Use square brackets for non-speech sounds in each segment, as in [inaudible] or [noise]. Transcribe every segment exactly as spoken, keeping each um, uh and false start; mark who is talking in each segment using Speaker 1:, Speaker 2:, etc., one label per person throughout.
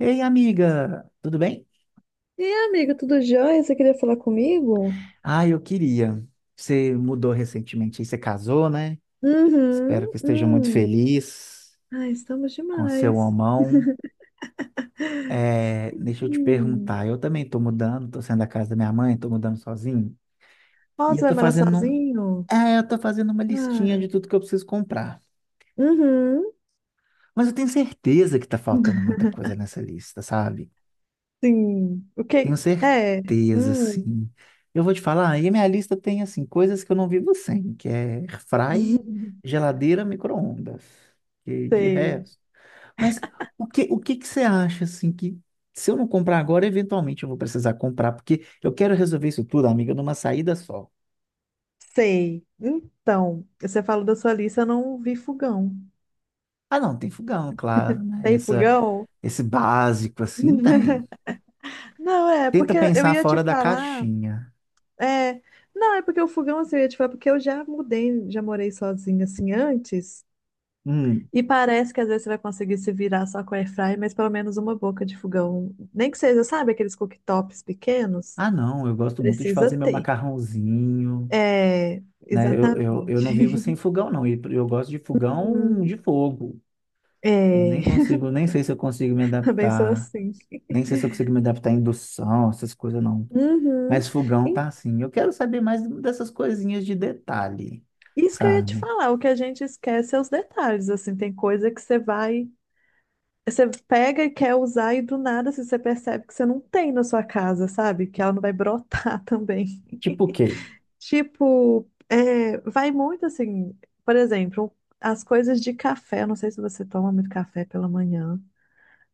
Speaker 1: Ei, amiga, tudo bem?
Speaker 2: E aí, amiga, tudo jóia? Você queria falar comigo?
Speaker 1: Ah, eu queria. Você mudou recentemente, aí você casou, né?
Speaker 2: Uhum,
Speaker 1: Espero que esteja muito
Speaker 2: hum.
Speaker 1: feliz
Speaker 2: Ai, estamos
Speaker 1: com seu
Speaker 2: demais.
Speaker 1: homão. É, deixa eu te
Speaker 2: Hum.
Speaker 1: perguntar, eu também estou mudando, estou saindo da casa da minha mãe, estou mudando sozinho.
Speaker 2: Ó,
Speaker 1: E
Speaker 2: você
Speaker 1: eu
Speaker 2: vai
Speaker 1: tô
Speaker 2: morar
Speaker 1: fazendo, um-
Speaker 2: sozinho?
Speaker 1: é, eu tô fazendo uma listinha
Speaker 2: Ah.
Speaker 1: de tudo que eu preciso comprar.
Speaker 2: Uhum.
Speaker 1: Mas eu tenho certeza que tá faltando
Speaker 2: [laughs]
Speaker 1: muita coisa nessa lista, sabe?
Speaker 2: Sim. O que?
Speaker 1: Tenho
Speaker 2: É.
Speaker 1: certeza,
Speaker 2: Hum.
Speaker 1: sim. Eu vou te falar, e a minha lista tem, assim, coisas que eu não vivo sem, que é airfry,
Speaker 2: [laughs]
Speaker 1: geladeira, micro-ondas, e de
Speaker 2: Sei.
Speaker 1: resto. Mas o que, o que que você acha, assim, que se eu não comprar agora, eventualmente eu vou precisar comprar, porque eu quero resolver isso tudo, amiga, numa saída só.
Speaker 2: Sei. Então, você falou da sua lista, eu não vi fogão.
Speaker 1: Ah, não, tem fogão, claro, né?
Speaker 2: Tem
Speaker 1: Essa,
Speaker 2: fogão?
Speaker 1: esse básico, assim,
Speaker 2: [laughs]
Speaker 1: tem.
Speaker 2: Não, é,
Speaker 1: Tenta
Speaker 2: porque eu
Speaker 1: pensar
Speaker 2: ia te
Speaker 1: fora da
Speaker 2: falar.
Speaker 1: caixinha.
Speaker 2: É, não, é porque o fogão, assim, eu ia te falar, porque eu já mudei, já morei sozinha, assim, antes.
Speaker 1: Hum.
Speaker 2: E parece que às vezes você vai conseguir se virar só com air fry, mas pelo menos uma boca de fogão. Nem que seja, sabe, aqueles cooktops pequenos?
Speaker 1: Ah, não, eu gosto muito de fazer
Speaker 2: Precisa
Speaker 1: meu
Speaker 2: ter.
Speaker 1: macarrãozinho.
Speaker 2: É,
Speaker 1: Né? Eu, eu, eu
Speaker 2: exatamente.
Speaker 1: não vivo
Speaker 2: [laughs]
Speaker 1: sem fogão, não. E eu gosto de fogão
Speaker 2: Uhum.
Speaker 1: de fogo. Eu nem
Speaker 2: É,
Speaker 1: consigo, nem sei se eu consigo me
Speaker 2: [laughs] também sou
Speaker 1: adaptar,
Speaker 2: assim.
Speaker 1: nem sei se eu consigo me adaptar à indução, essas coisas não.
Speaker 2: Uhum.
Speaker 1: Mas fogão tá
Speaker 2: E
Speaker 1: assim. Eu quero saber mais dessas coisinhas de detalhe,
Speaker 2: isso que eu ia te
Speaker 1: sabe?
Speaker 2: falar, o que a gente esquece é os detalhes, assim, tem coisa que você vai, você pega e quer usar e do nada, assim, você percebe que você não tem na sua casa, sabe? Que ela não vai brotar [laughs] também.
Speaker 1: Tipo o quê?
Speaker 2: Tipo, é, vai muito assim, por exemplo, as coisas de café. eu Não sei se você toma muito café pela manhã.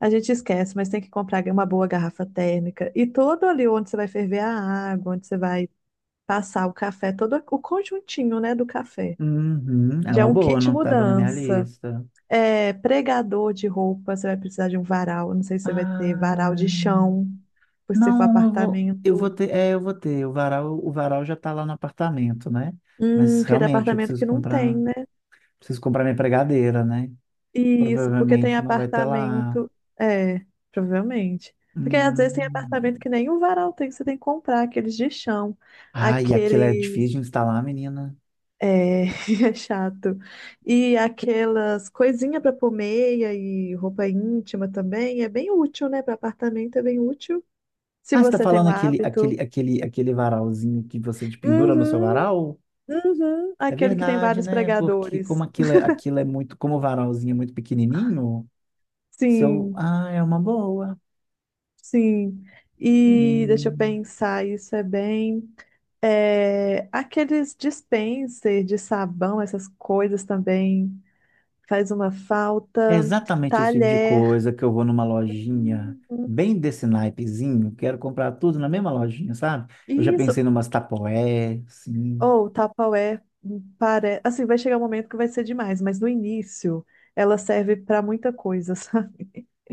Speaker 2: A gente esquece, mas tem que comprar uma boa garrafa térmica. E todo ali onde você vai ferver a água, onde você vai passar o café, todo o conjuntinho, né, do café.
Speaker 1: Uhum, é
Speaker 2: Já é
Speaker 1: uma
Speaker 2: um
Speaker 1: boa,
Speaker 2: kit
Speaker 1: não tava na minha
Speaker 2: mudança.
Speaker 1: lista.
Speaker 2: É, pregador de roupa, você vai precisar de um varal. eu Não sei se você vai ter
Speaker 1: Ah,
Speaker 2: varal de chão, se for
Speaker 1: não, eu vou, eu vou
Speaker 2: apartamento.
Speaker 1: ter, é, eu vou ter. O varal, o varal já tá lá no apartamento, né? Mas
Speaker 2: Hum, aquele
Speaker 1: realmente eu
Speaker 2: apartamento
Speaker 1: preciso
Speaker 2: que não tem,
Speaker 1: comprar,
Speaker 2: né?
Speaker 1: preciso comprar minha pregadeira, né?
Speaker 2: Isso, porque tem
Speaker 1: Provavelmente não vai ter lá.
Speaker 2: apartamento. É, provavelmente. Porque às vezes tem apartamento
Speaker 1: Hum.
Speaker 2: que nem o varal tem, você tem que comprar aqueles de chão,
Speaker 1: Ai, aquilo é
Speaker 2: aqueles.
Speaker 1: difícil de instalar, menina.
Speaker 2: É, [laughs] é chato. E aquelas coisinhas para pôr meia e roupa íntima também é bem útil, né? Para apartamento é bem útil, se
Speaker 1: Ah, você tá
Speaker 2: você tem
Speaker 1: falando
Speaker 2: o
Speaker 1: aquele,
Speaker 2: hábito.
Speaker 1: aquele, aquele, aquele varalzinho que você de- pendura no seu
Speaker 2: Uhum,
Speaker 1: varal?
Speaker 2: uhum.
Speaker 1: É
Speaker 2: Aquele que tem
Speaker 1: verdade,
Speaker 2: vários
Speaker 1: né? Porque como
Speaker 2: pregadores.
Speaker 1: aquilo, é- aquilo é muito, como o varalzinho é muito pequenininho, seu,
Speaker 2: Sim,
Speaker 1: ah, é uma boa.
Speaker 2: sim. E deixa eu
Speaker 1: Hum.
Speaker 2: pensar, isso é bem. É, aqueles dispenser de sabão, essas coisas também faz uma
Speaker 1: É
Speaker 2: falta.
Speaker 1: exatamente esse tipo de
Speaker 2: Talher.
Speaker 1: coisa que eu vou numa lojinha
Speaker 2: Uhum.
Speaker 1: bem desse naipezinho, quero comprar tudo na mesma lojinha, sabe? Eu já pensei
Speaker 2: Isso.
Speaker 1: numas tapoé, sim,
Speaker 2: Ou Tupperware. hum, Pare... Assim, vai chegar um momento que vai ser demais, mas no início ela serve para muita coisa, [laughs] sabe?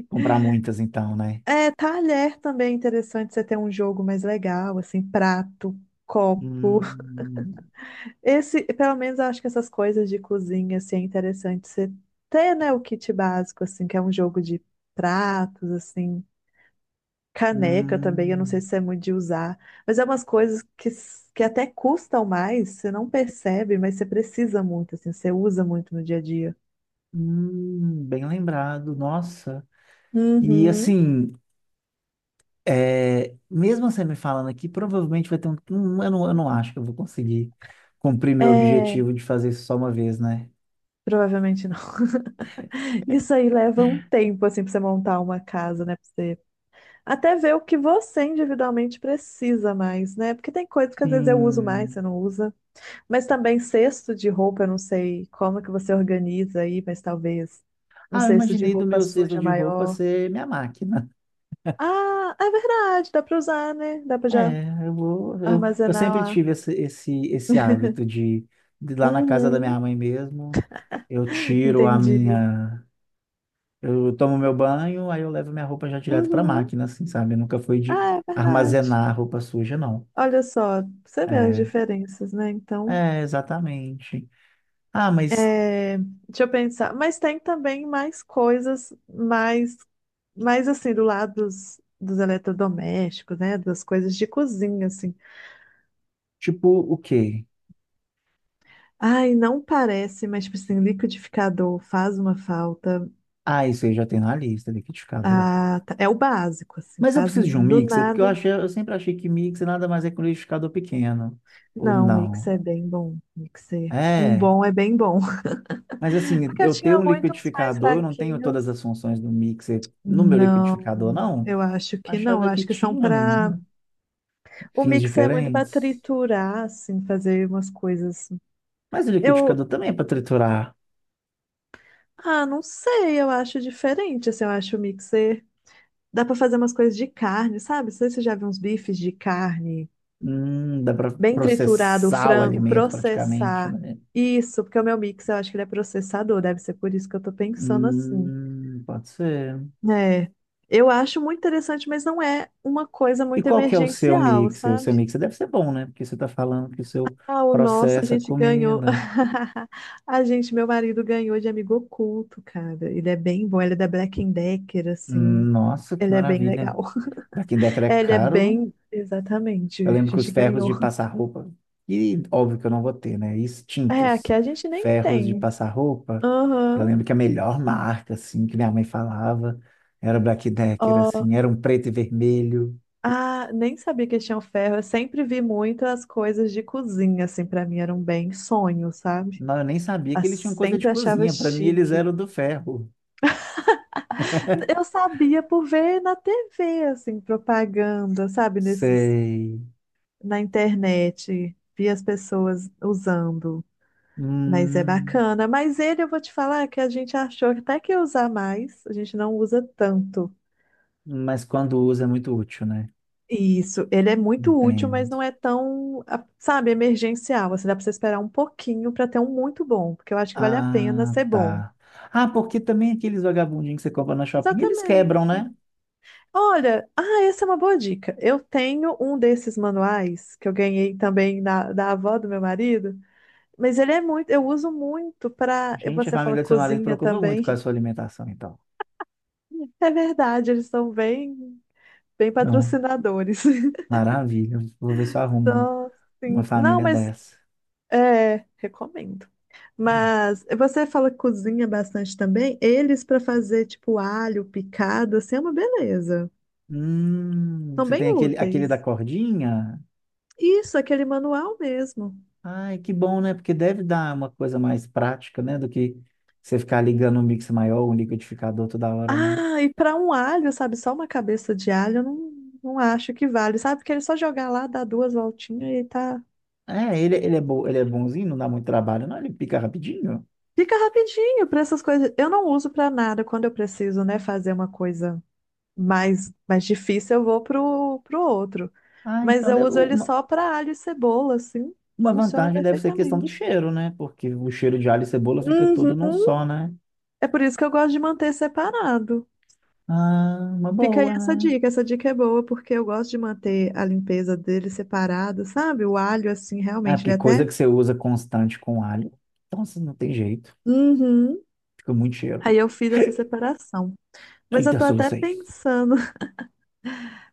Speaker 1: comprar muitas então, né?
Speaker 2: É, talher também é interessante você ter um jogo mais legal, assim, prato, copo.
Speaker 1: Hum,
Speaker 2: Esse, pelo menos eu acho que essas coisas de cozinha, assim, é interessante você ter, né, o kit básico, assim, que é um jogo de pratos, assim, caneca também, eu não sei
Speaker 1: hum,
Speaker 2: se é muito de usar, mas é umas coisas que, s- que até custam mais, você não percebe, mas você precisa muito, assim, você usa muito no dia a dia.
Speaker 1: hum, bem lembrado, nossa. E
Speaker 2: Uhum.
Speaker 1: assim, é, mesmo você me falando aqui, provavelmente vai ter um. hum, Eu não, eu não acho que eu vou conseguir cumprir meu
Speaker 2: É,
Speaker 1: objetivo de fazer isso só uma vez, né?
Speaker 2: provavelmente não. [laughs] Isso aí leva um tempo, assim, pra você montar uma casa, né? Pra você até ver o que você individualmente precisa mais, né? Porque tem coisas que às vezes eu uso mais, você
Speaker 1: Sim.
Speaker 2: não usa. Mas também cesto de roupa, eu não sei como que você organiza aí, mas talvez um
Speaker 1: Ah, eu
Speaker 2: cesto de
Speaker 1: imaginei do
Speaker 2: roupa
Speaker 1: meu cesto
Speaker 2: suja
Speaker 1: de roupa
Speaker 2: maior.
Speaker 1: ser minha máquina.
Speaker 2: Ah, é verdade, dá para usar, né? Dá para já
Speaker 1: É, eu vou. Eu, eu
Speaker 2: armazenar
Speaker 1: sempre
Speaker 2: lá.
Speaker 1: tive esse, esse, esse hábito de, de lá na casa da minha
Speaker 2: Uhum,
Speaker 1: mãe mesmo, eu
Speaker 2: [laughs]
Speaker 1: tiro a
Speaker 2: entendi.
Speaker 1: minha. Eu tomo meu banho, aí eu levo minha roupa já direto para
Speaker 2: Uhum.
Speaker 1: máquina, assim, sabe? Eu nunca fui de
Speaker 2: Ah, é verdade.
Speaker 1: armazenar roupa suja, não.
Speaker 2: Olha só, você vê as
Speaker 1: É,
Speaker 2: diferenças, né? Então,
Speaker 1: é, exatamente. Ah, mas
Speaker 2: é, deixa eu pensar. Mas tem também mais coisas, mais, mais assim, do lado dos, dos eletrodomésticos, né? Das coisas de cozinha, assim.
Speaker 1: tipo o quê?
Speaker 2: Ai, não parece, mas, tipo assim, liquidificador faz uma falta.
Speaker 1: Ah, isso aí já tem na lista, liquidificador.
Speaker 2: Ah, tá- é o básico, assim,
Speaker 1: Mas eu
Speaker 2: faz
Speaker 1: preciso
Speaker 2: um,
Speaker 1: de um
Speaker 2: do
Speaker 1: mixer, porque eu
Speaker 2: nada.
Speaker 1: achei, eu sempre achei que mixer nada mais é que um liquidificador pequeno. Ou
Speaker 2: Não,
Speaker 1: não?
Speaker 2: mixer é bem bom. Mixer. Um
Speaker 1: É.
Speaker 2: bom é bem bom.
Speaker 1: Mas assim,
Speaker 2: [laughs] Porque eu
Speaker 1: eu tenho
Speaker 2: tinha
Speaker 1: um
Speaker 2: muito uns mais
Speaker 1: liquidificador, eu não tenho
Speaker 2: fraquinhos.
Speaker 1: todas as funções do mixer no meu liquidificador,
Speaker 2: Não,
Speaker 1: não?
Speaker 2: eu acho que não. Eu
Speaker 1: Achava que
Speaker 2: acho que são
Speaker 1: tinha,
Speaker 2: para.
Speaker 1: menina.
Speaker 2: O
Speaker 1: Fins
Speaker 2: mixer é muito para
Speaker 1: diferentes.
Speaker 2: triturar, assim, fazer umas coisas.
Speaker 1: Mas o
Speaker 2: Eu.
Speaker 1: liquidificador também é para triturar.
Speaker 2: Ah, não sei, eu acho diferente, assim, eu acho o mixer. Dá para fazer umas coisas de carne, sabe? Não sei se você já viu uns bifes de carne.
Speaker 1: Hum, dá para
Speaker 2: bem triturado o
Speaker 1: processar o
Speaker 2: frango,
Speaker 1: alimento praticamente,
Speaker 2: processar
Speaker 1: né?
Speaker 2: isso, porque o meu mix eu acho que ele é processador, deve ser por isso que eu tô pensando assim.
Speaker 1: Hum, pode ser.
Speaker 2: É, eu acho muito interessante, mas não é uma coisa
Speaker 1: E
Speaker 2: muito
Speaker 1: qual que é o seu
Speaker 2: emergencial,
Speaker 1: mixer? O seu
Speaker 2: sabe?
Speaker 1: mixer deve ser bom, né? Porque você está falando que o seu
Speaker 2: Ah, o nosso a
Speaker 1: processa a
Speaker 2: gente ganhou.
Speaker 1: comida.
Speaker 2: [laughs] A gente, meu marido ganhou de amigo oculto, cara. Ele é bem bom, ele é da Black and Decker, assim.
Speaker 1: Hum, Nossa, que
Speaker 2: Ele é bem
Speaker 1: maravilha.
Speaker 2: legal.
Speaker 1: Daqui
Speaker 2: [laughs]
Speaker 1: década é
Speaker 2: É, Ele é
Speaker 1: caro.
Speaker 2: bem. Exatamente,
Speaker 1: Eu
Speaker 2: a
Speaker 1: lembro que os
Speaker 2: gente
Speaker 1: ferros
Speaker 2: ganhou.
Speaker 1: de passar roupa, e óbvio que eu não vou ter, né?
Speaker 2: É, aqui
Speaker 1: Extintos
Speaker 2: a gente nem
Speaker 1: ferros de
Speaker 2: tem.
Speaker 1: passar roupa. Eu
Speaker 2: Aham.
Speaker 1: lembro que a melhor marca, assim, que minha mãe falava era o Black Decker, assim, era um preto e vermelho.
Speaker 2: Ah, nem sabia que tinha o ferro. Eu sempre vi muitas coisas de cozinha, assim, pra mim eram bem sonho, sabe?
Speaker 1: Não, eu nem sabia
Speaker 2: Ah,
Speaker 1: que eles tinham coisa de
Speaker 2: sempre achava
Speaker 1: cozinha. Para mim, eles
Speaker 2: chique.
Speaker 1: eram do ferro.
Speaker 2: Eu sabia por ver na T V, assim, propaganda, sabe? Nesses,
Speaker 1: Sei.
Speaker 2: na internet, vi as pessoas usando. Mas é
Speaker 1: Hum,
Speaker 2: bacana. Mas ele, eu vou te falar que a gente achou que até que ia usar mais, a gente não usa tanto.
Speaker 1: mas quando usa é muito útil, né?
Speaker 2: Isso, ele é muito útil, mas
Speaker 1: Entendo.
Speaker 2: não é tão, a- sabe, emergencial. Assim, dá para você esperar um pouquinho para ter um muito bom, porque eu acho que vale a pena
Speaker 1: Ah,
Speaker 2: ser bom.
Speaker 1: tá. Ah, porque também aqueles vagabundinhos que você compra na shopping, eles quebram,
Speaker 2: Exatamente.
Speaker 1: né?
Speaker 2: Olha, ah, essa é uma boa dica. Eu tenho um desses manuais que eu ganhei também da, da avó do meu marido, mas ele é muito, eu uso muito para,
Speaker 1: Gente, a
Speaker 2: você fala
Speaker 1: família do seu marido
Speaker 2: cozinha
Speaker 1: preocupa muito com a
Speaker 2: também.
Speaker 1: sua
Speaker 2: [laughs]
Speaker 1: alimentação, então.
Speaker 2: É verdade, eles são bem, bem
Speaker 1: Então,
Speaker 2: patrocinadores.
Speaker 1: maravilha. Vou ver se
Speaker 2: [laughs]
Speaker 1: eu arrumo um-
Speaker 2: Só,
Speaker 1: uma
Speaker 2: sim. Não,
Speaker 1: família
Speaker 2: mas
Speaker 1: dessa.
Speaker 2: É, recomendo. Mas você fala que cozinha bastante também. Eles para fazer tipo alho picado, assim é uma beleza.
Speaker 1: Hum,
Speaker 2: São
Speaker 1: você
Speaker 2: bem
Speaker 1: tem aquele, aquele da
Speaker 2: úteis.
Speaker 1: cordinha?
Speaker 2: Isso, aquele manual mesmo.
Speaker 1: Ai, que bom, né? Porque deve dar uma coisa mais prática, né? Do que você ficar ligando um mixer maior, um liquidificador toda hora, né?
Speaker 2: Ah, e para um alho, sabe, só uma cabeça de alho, eu não, não acho que vale, sabe? Porque ele só jogar lá, dá duas voltinhas e tá.
Speaker 1: É, ele, ele é bom, ele é bonzinho, não dá muito trabalho, não? Ele pica rapidinho.
Speaker 2: Fica rapidinho para essas coisas. Eu não uso para nada quando eu preciso, né, fazer uma coisa mais, mais difícil, eu vou pro, pro outro.
Speaker 1: Ah,
Speaker 2: Mas
Speaker 1: então
Speaker 2: eu
Speaker 1: deve-
Speaker 2: uso ele
Speaker 1: uma,
Speaker 2: só para alho e cebola, assim.
Speaker 1: uma
Speaker 2: Funciona
Speaker 1: vantagem deve ser a questão do
Speaker 2: perfeitamente.
Speaker 1: cheiro, né? Porque o cheiro de alho e cebola fica todo num
Speaker 2: Uhum.
Speaker 1: só, né?
Speaker 2: É por isso que eu gosto de manter separado.
Speaker 1: Ah, uma
Speaker 2: Fica aí
Speaker 1: boa,
Speaker 2: essa
Speaker 1: né?
Speaker 2: dica. Essa dica é boa, porque eu gosto de manter a limpeza dele separado, sabe? O alho, assim,
Speaker 1: Ah,
Speaker 2: realmente, ele
Speaker 1: porque
Speaker 2: é
Speaker 1: coisa
Speaker 2: até.
Speaker 1: que você usa constante com alho, então assim, não tem jeito.
Speaker 2: Uhum.
Speaker 1: Fica muito cheiro.
Speaker 2: Aí eu fiz essa
Speaker 1: [laughs]
Speaker 2: separação. Mas eu
Speaker 1: Eita,
Speaker 2: tô até
Speaker 1: solucei.
Speaker 2: pensando.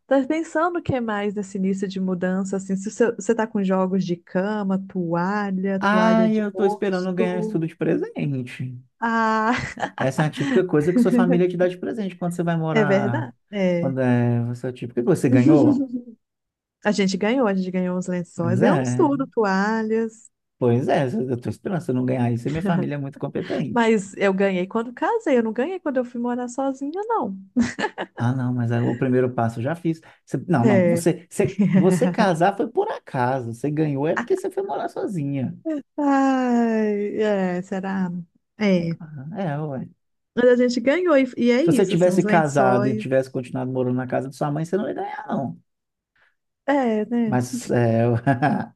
Speaker 2: Tá pensando o que mais nesse início de mudança, assim, se você você tá com jogos de cama, toalha,
Speaker 1: Ah,
Speaker 2: toalha de
Speaker 1: eu tô esperando ganhar isso
Speaker 2: rosto.
Speaker 1: tudo de presente.
Speaker 2: Ah, [laughs]
Speaker 1: Essa é a típica coisa que sua família te dá de presente quando você vai
Speaker 2: é
Speaker 1: morar.
Speaker 2: verdade? É.
Speaker 1: Quando é você, tipo, o que você ganhou?
Speaker 2: [laughs] A gente ganhou, a gente ganhou uns
Speaker 1: Pois
Speaker 2: lençóis,
Speaker 1: é,
Speaker 2: ganhamos tudo, toalhas.
Speaker 1: pois é, eu tô esperando. Se eu não ganhar isso, minha família é muito competente.
Speaker 2: Mas eu ganhei quando casei, eu não ganhei quando eu fui morar sozinha, não.
Speaker 1: Ah, não, mas aí o primeiro passo eu já fiz. Você- não, não,
Speaker 2: É.
Speaker 1: você, você, você
Speaker 2: [laughs]
Speaker 1: casar foi por acaso. Você ganhou é porque você foi morar sozinha.
Speaker 2: Ai, é, será? É.
Speaker 1: Ah, é, ué.
Speaker 2: Mas a gente ganhou, e, e é
Speaker 1: Se você
Speaker 2: isso, assim,
Speaker 1: tivesse
Speaker 2: uns
Speaker 1: casado e
Speaker 2: lençóis.
Speaker 1: tivesse continuado morando na casa de sua mãe, você não ia ganhar, não.
Speaker 2: É, né?
Speaker 1: Mas é,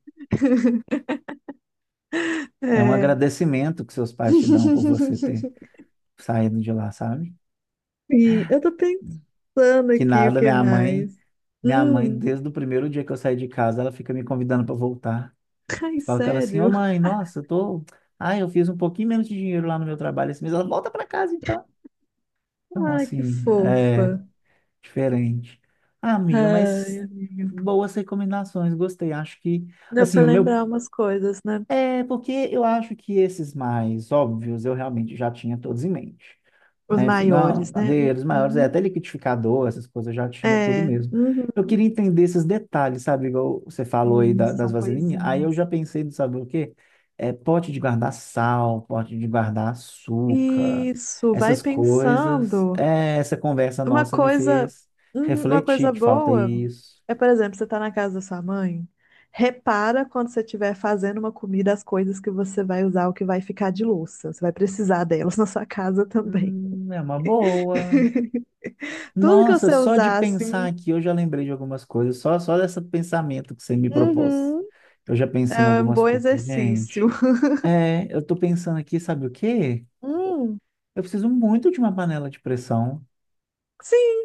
Speaker 1: [laughs]
Speaker 2: [laughs]
Speaker 1: é um
Speaker 2: É.
Speaker 1: agradecimento que seus pais te dão por você ter
Speaker 2: [laughs]
Speaker 1: saído de lá, sabe?
Speaker 2: Sim, eu tô pensando
Speaker 1: Que
Speaker 2: aqui o
Speaker 1: nada,
Speaker 2: que
Speaker 1: minha mãe,
Speaker 2: mais.
Speaker 1: minha mãe,
Speaker 2: Hum,
Speaker 1: desde o primeiro dia que eu saí de casa, ela fica me convidando para voltar.
Speaker 2: ai,
Speaker 1: Eu falo com ela assim, ô
Speaker 2: sério?
Speaker 1: mãe, nossa, eu tô. Ah, eu fiz um pouquinho menos de dinheiro lá no meu trabalho esse mês. Ela volta para casa, então. Então,
Speaker 2: Ai, que
Speaker 1: assim,
Speaker 2: fofa.
Speaker 1: é diferente. Ah, amiga,
Speaker 2: Ai,
Speaker 1: mas
Speaker 2: amiga.
Speaker 1: boas recomendações, gostei. Acho que,
Speaker 2: Deu pra
Speaker 1: assim, o meu.
Speaker 2: lembrar umas coisas, né?
Speaker 1: É, porque eu acho que esses mais óbvios eu realmente já tinha todos em mente.
Speaker 2: Os
Speaker 1: Né? Fogão,
Speaker 2: maiores, né?
Speaker 1: padeiros maiores, é,
Speaker 2: Uhum.
Speaker 1: até liquidificador, essas coisas eu já tinha tudo
Speaker 2: É,
Speaker 1: mesmo.
Speaker 2: uhum.
Speaker 1: Eu queria entender esses detalhes, sabe? Igual você falou aí
Speaker 2: Sim,
Speaker 1: da- das
Speaker 2: são
Speaker 1: vasilhinhas. Aí eu
Speaker 2: coisinhas.
Speaker 1: já pensei no saber o quê? É, pote de guardar sal, pote de guardar açúcar,
Speaker 2: Isso, vai
Speaker 1: essas coisas.
Speaker 2: pensando.
Speaker 1: É, essa conversa
Speaker 2: Uma
Speaker 1: nossa me
Speaker 2: coisa,
Speaker 1: fez
Speaker 2: uhum, uma
Speaker 1: refletir
Speaker 2: coisa
Speaker 1: que falta
Speaker 2: boa
Speaker 1: isso.
Speaker 2: é, por exemplo, você tá na casa da sua mãe, repara quando você estiver fazendo uma comida as coisas que você vai usar, o que vai ficar de louça. Você vai precisar delas [laughs] na sua casa também.
Speaker 1: Hum, é uma boa.
Speaker 2: [laughs] Tudo que
Speaker 1: Nossa,
Speaker 2: você
Speaker 1: só de
Speaker 2: usar, assim,
Speaker 1: pensar aqui, eu já lembrei de algumas coisas, só, só desse pensamento que você me propôs.
Speaker 2: uhum,
Speaker 1: Eu já pensei em
Speaker 2: é um
Speaker 1: algumas
Speaker 2: bom
Speaker 1: coisas,
Speaker 2: exercício.
Speaker 1: gente. É, eu tô pensando aqui, sabe o quê?
Speaker 2: Hum,
Speaker 1: Eu preciso muito de uma panela de pressão.
Speaker 2: sim,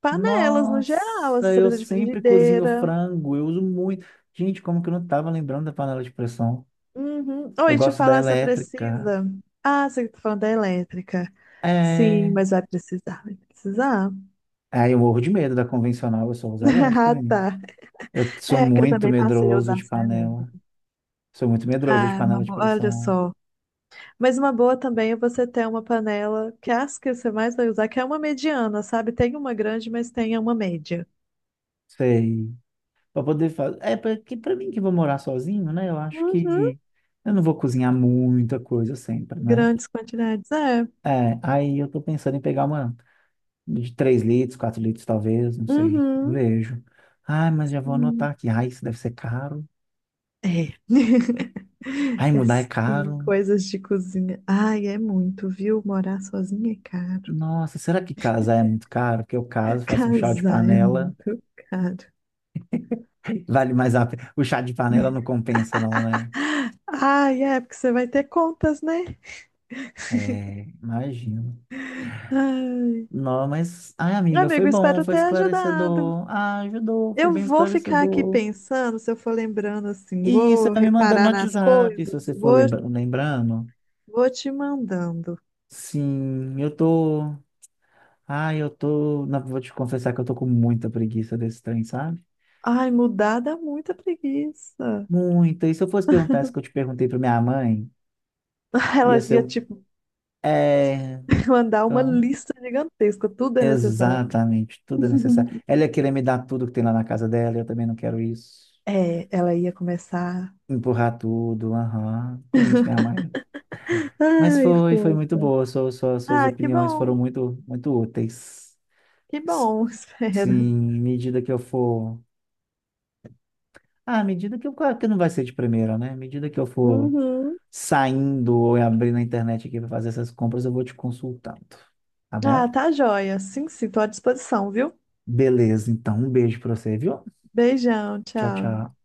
Speaker 2: panelas no geral, assim,
Speaker 1: Nossa,
Speaker 2: você
Speaker 1: eu
Speaker 2: precisa de
Speaker 1: sempre cozinho
Speaker 2: frigideira.
Speaker 1: frango, eu uso muito. Gente, como que eu não tava lembrando da panela de pressão?
Speaker 2: Uhum.
Speaker 1: Eu
Speaker 2: Oi, te
Speaker 1: gosto da
Speaker 2: falar, você
Speaker 1: elétrica.
Speaker 2: precisa. Ah, você tá falando da elétrica. Sim,
Speaker 1: É.
Speaker 2: mas vai precisar, vai precisar.
Speaker 1: Ah, eu morro de medo da convencional, eu só uso
Speaker 2: [laughs]
Speaker 1: elétrica,
Speaker 2: Ah,
Speaker 1: menino.
Speaker 2: tá.
Speaker 1: Eu sou
Speaker 2: É que eu
Speaker 1: muito
Speaker 2: também passei a
Speaker 1: medroso
Speaker 2: usar
Speaker 1: de
Speaker 2: só
Speaker 1: panela.
Speaker 2: elétrica.
Speaker 1: Sou muito medroso de
Speaker 2: Ah, uma
Speaker 1: panela de
Speaker 2: boa, olha
Speaker 1: pressão.
Speaker 2: só. Mas uma boa também é você ter uma panela, que é as que você mais vai usar, que é uma mediana, sabe? Tem uma grande, mas tem uma média.
Speaker 1: Sei. Pra poder fazer. É, porque pra mim que vou morar sozinho, né? Eu acho
Speaker 2: Uhum.
Speaker 1: que eu não vou cozinhar muita coisa sempre, né?
Speaker 2: Grandes quantidades, é.
Speaker 1: É, aí eu tô pensando em pegar uma de três litros, quatro litros, talvez, não sei.
Speaker 2: Uhum.
Speaker 1: Vejo. Ai, mas já vou
Speaker 2: Hum.
Speaker 1: anotar aqui. Ai, isso deve ser caro.
Speaker 2: É. [laughs]
Speaker 1: Ai,
Speaker 2: É
Speaker 1: mudar é
Speaker 2: sim,
Speaker 1: caro.
Speaker 2: coisas de cozinha. Ai, é muito, viu? Morar sozinha é caro.
Speaker 1: Nossa, será que casar é muito caro? Que eu caso,
Speaker 2: [laughs]
Speaker 1: faço um chá de
Speaker 2: Casar é
Speaker 1: panela.
Speaker 2: muito caro.
Speaker 1: [laughs] Vale mais a pena. O chá de panela não
Speaker 2: [laughs]
Speaker 1: compensa, não, né?
Speaker 2: Ai, é, porque você vai ter contas, né?
Speaker 1: É, imagino.
Speaker 2: Ah,
Speaker 1: Não, mas, ai,
Speaker 2: Meu
Speaker 1: amiga, foi
Speaker 2: Amigo,
Speaker 1: bom,
Speaker 2: espero
Speaker 1: foi
Speaker 2: ter ajudado.
Speaker 1: esclarecedor. Ah, ajudou, foi
Speaker 2: Eu
Speaker 1: bem
Speaker 2: vou ficar aqui
Speaker 1: esclarecedor.
Speaker 2: pensando, se eu for lembrando assim,
Speaker 1: E você
Speaker 2: vou
Speaker 1: vai me mandando no
Speaker 2: reparar nas
Speaker 1: WhatsApp, se
Speaker 2: coisas,
Speaker 1: você for
Speaker 2: vou,
Speaker 1: lembra- lembrando.
Speaker 2: vou te mandando.
Speaker 1: Sim, eu tô. Ai, eu tô. Não, vou te confessar que eu tô com muita preguiça desse trem, sabe?
Speaker 2: Ai, mudar dá muita preguiça.
Speaker 1: Muita. E se eu fosse perguntar isso que eu te perguntei pra minha mãe,
Speaker 2: [laughs] Ela
Speaker 1: ia ser
Speaker 2: ia
Speaker 1: um.
Speaker 2: te
Speaker 1: É.
Speaker 2: [laughs] mandar uma
Speaker 1: Então,
Speaker 2: lista gigantesca, tudo é necessário.
Speaker 1: exatamente, tudo é necessário. Ela
Speaker 2: [laughs]
Speaker 1: ia querer me dar tudo que tem lá na casa dela, eu também não quero isso.
Speaker 2: É, ela ia começar.
Speaker 1: Empurrar tudo, aham. Conheço minha mãe. Mas
Speaker 2: Ai,
Speaker 1: foi, foi muito
Speaker 2: fofo.
Speaker 1: boa. Suas, suas, suas
Speaker 2: Ah, que
Speaker 1: opiniões foram
Speaker 2: bom,
Speaker 1: muito, muito úteis.
Speaker 2: que
Speaker 1: S-
Speaker 2: bom, [laughs] espero.
Speaker 1: Sim, à medida que eu for. Ah, à medida que eu. Claro que não vai ser de primeira, né? À medida que eu for
Speaker 2: Uhum.
Speaker 1: saindo ou abrindo a internet aqui para fazer essas compras, eu vou te consultando. Tá bom?
Speaker 2: Ah, tá joia. Sim, sim, tô à disposição, viu?
Speaker 1: Beleza, então. Um beijo para você, viu?
Speaker 2: Beijão,
Speaker 1: Tchau,
Speaker 2: tchau.
Speaker 1: tchau.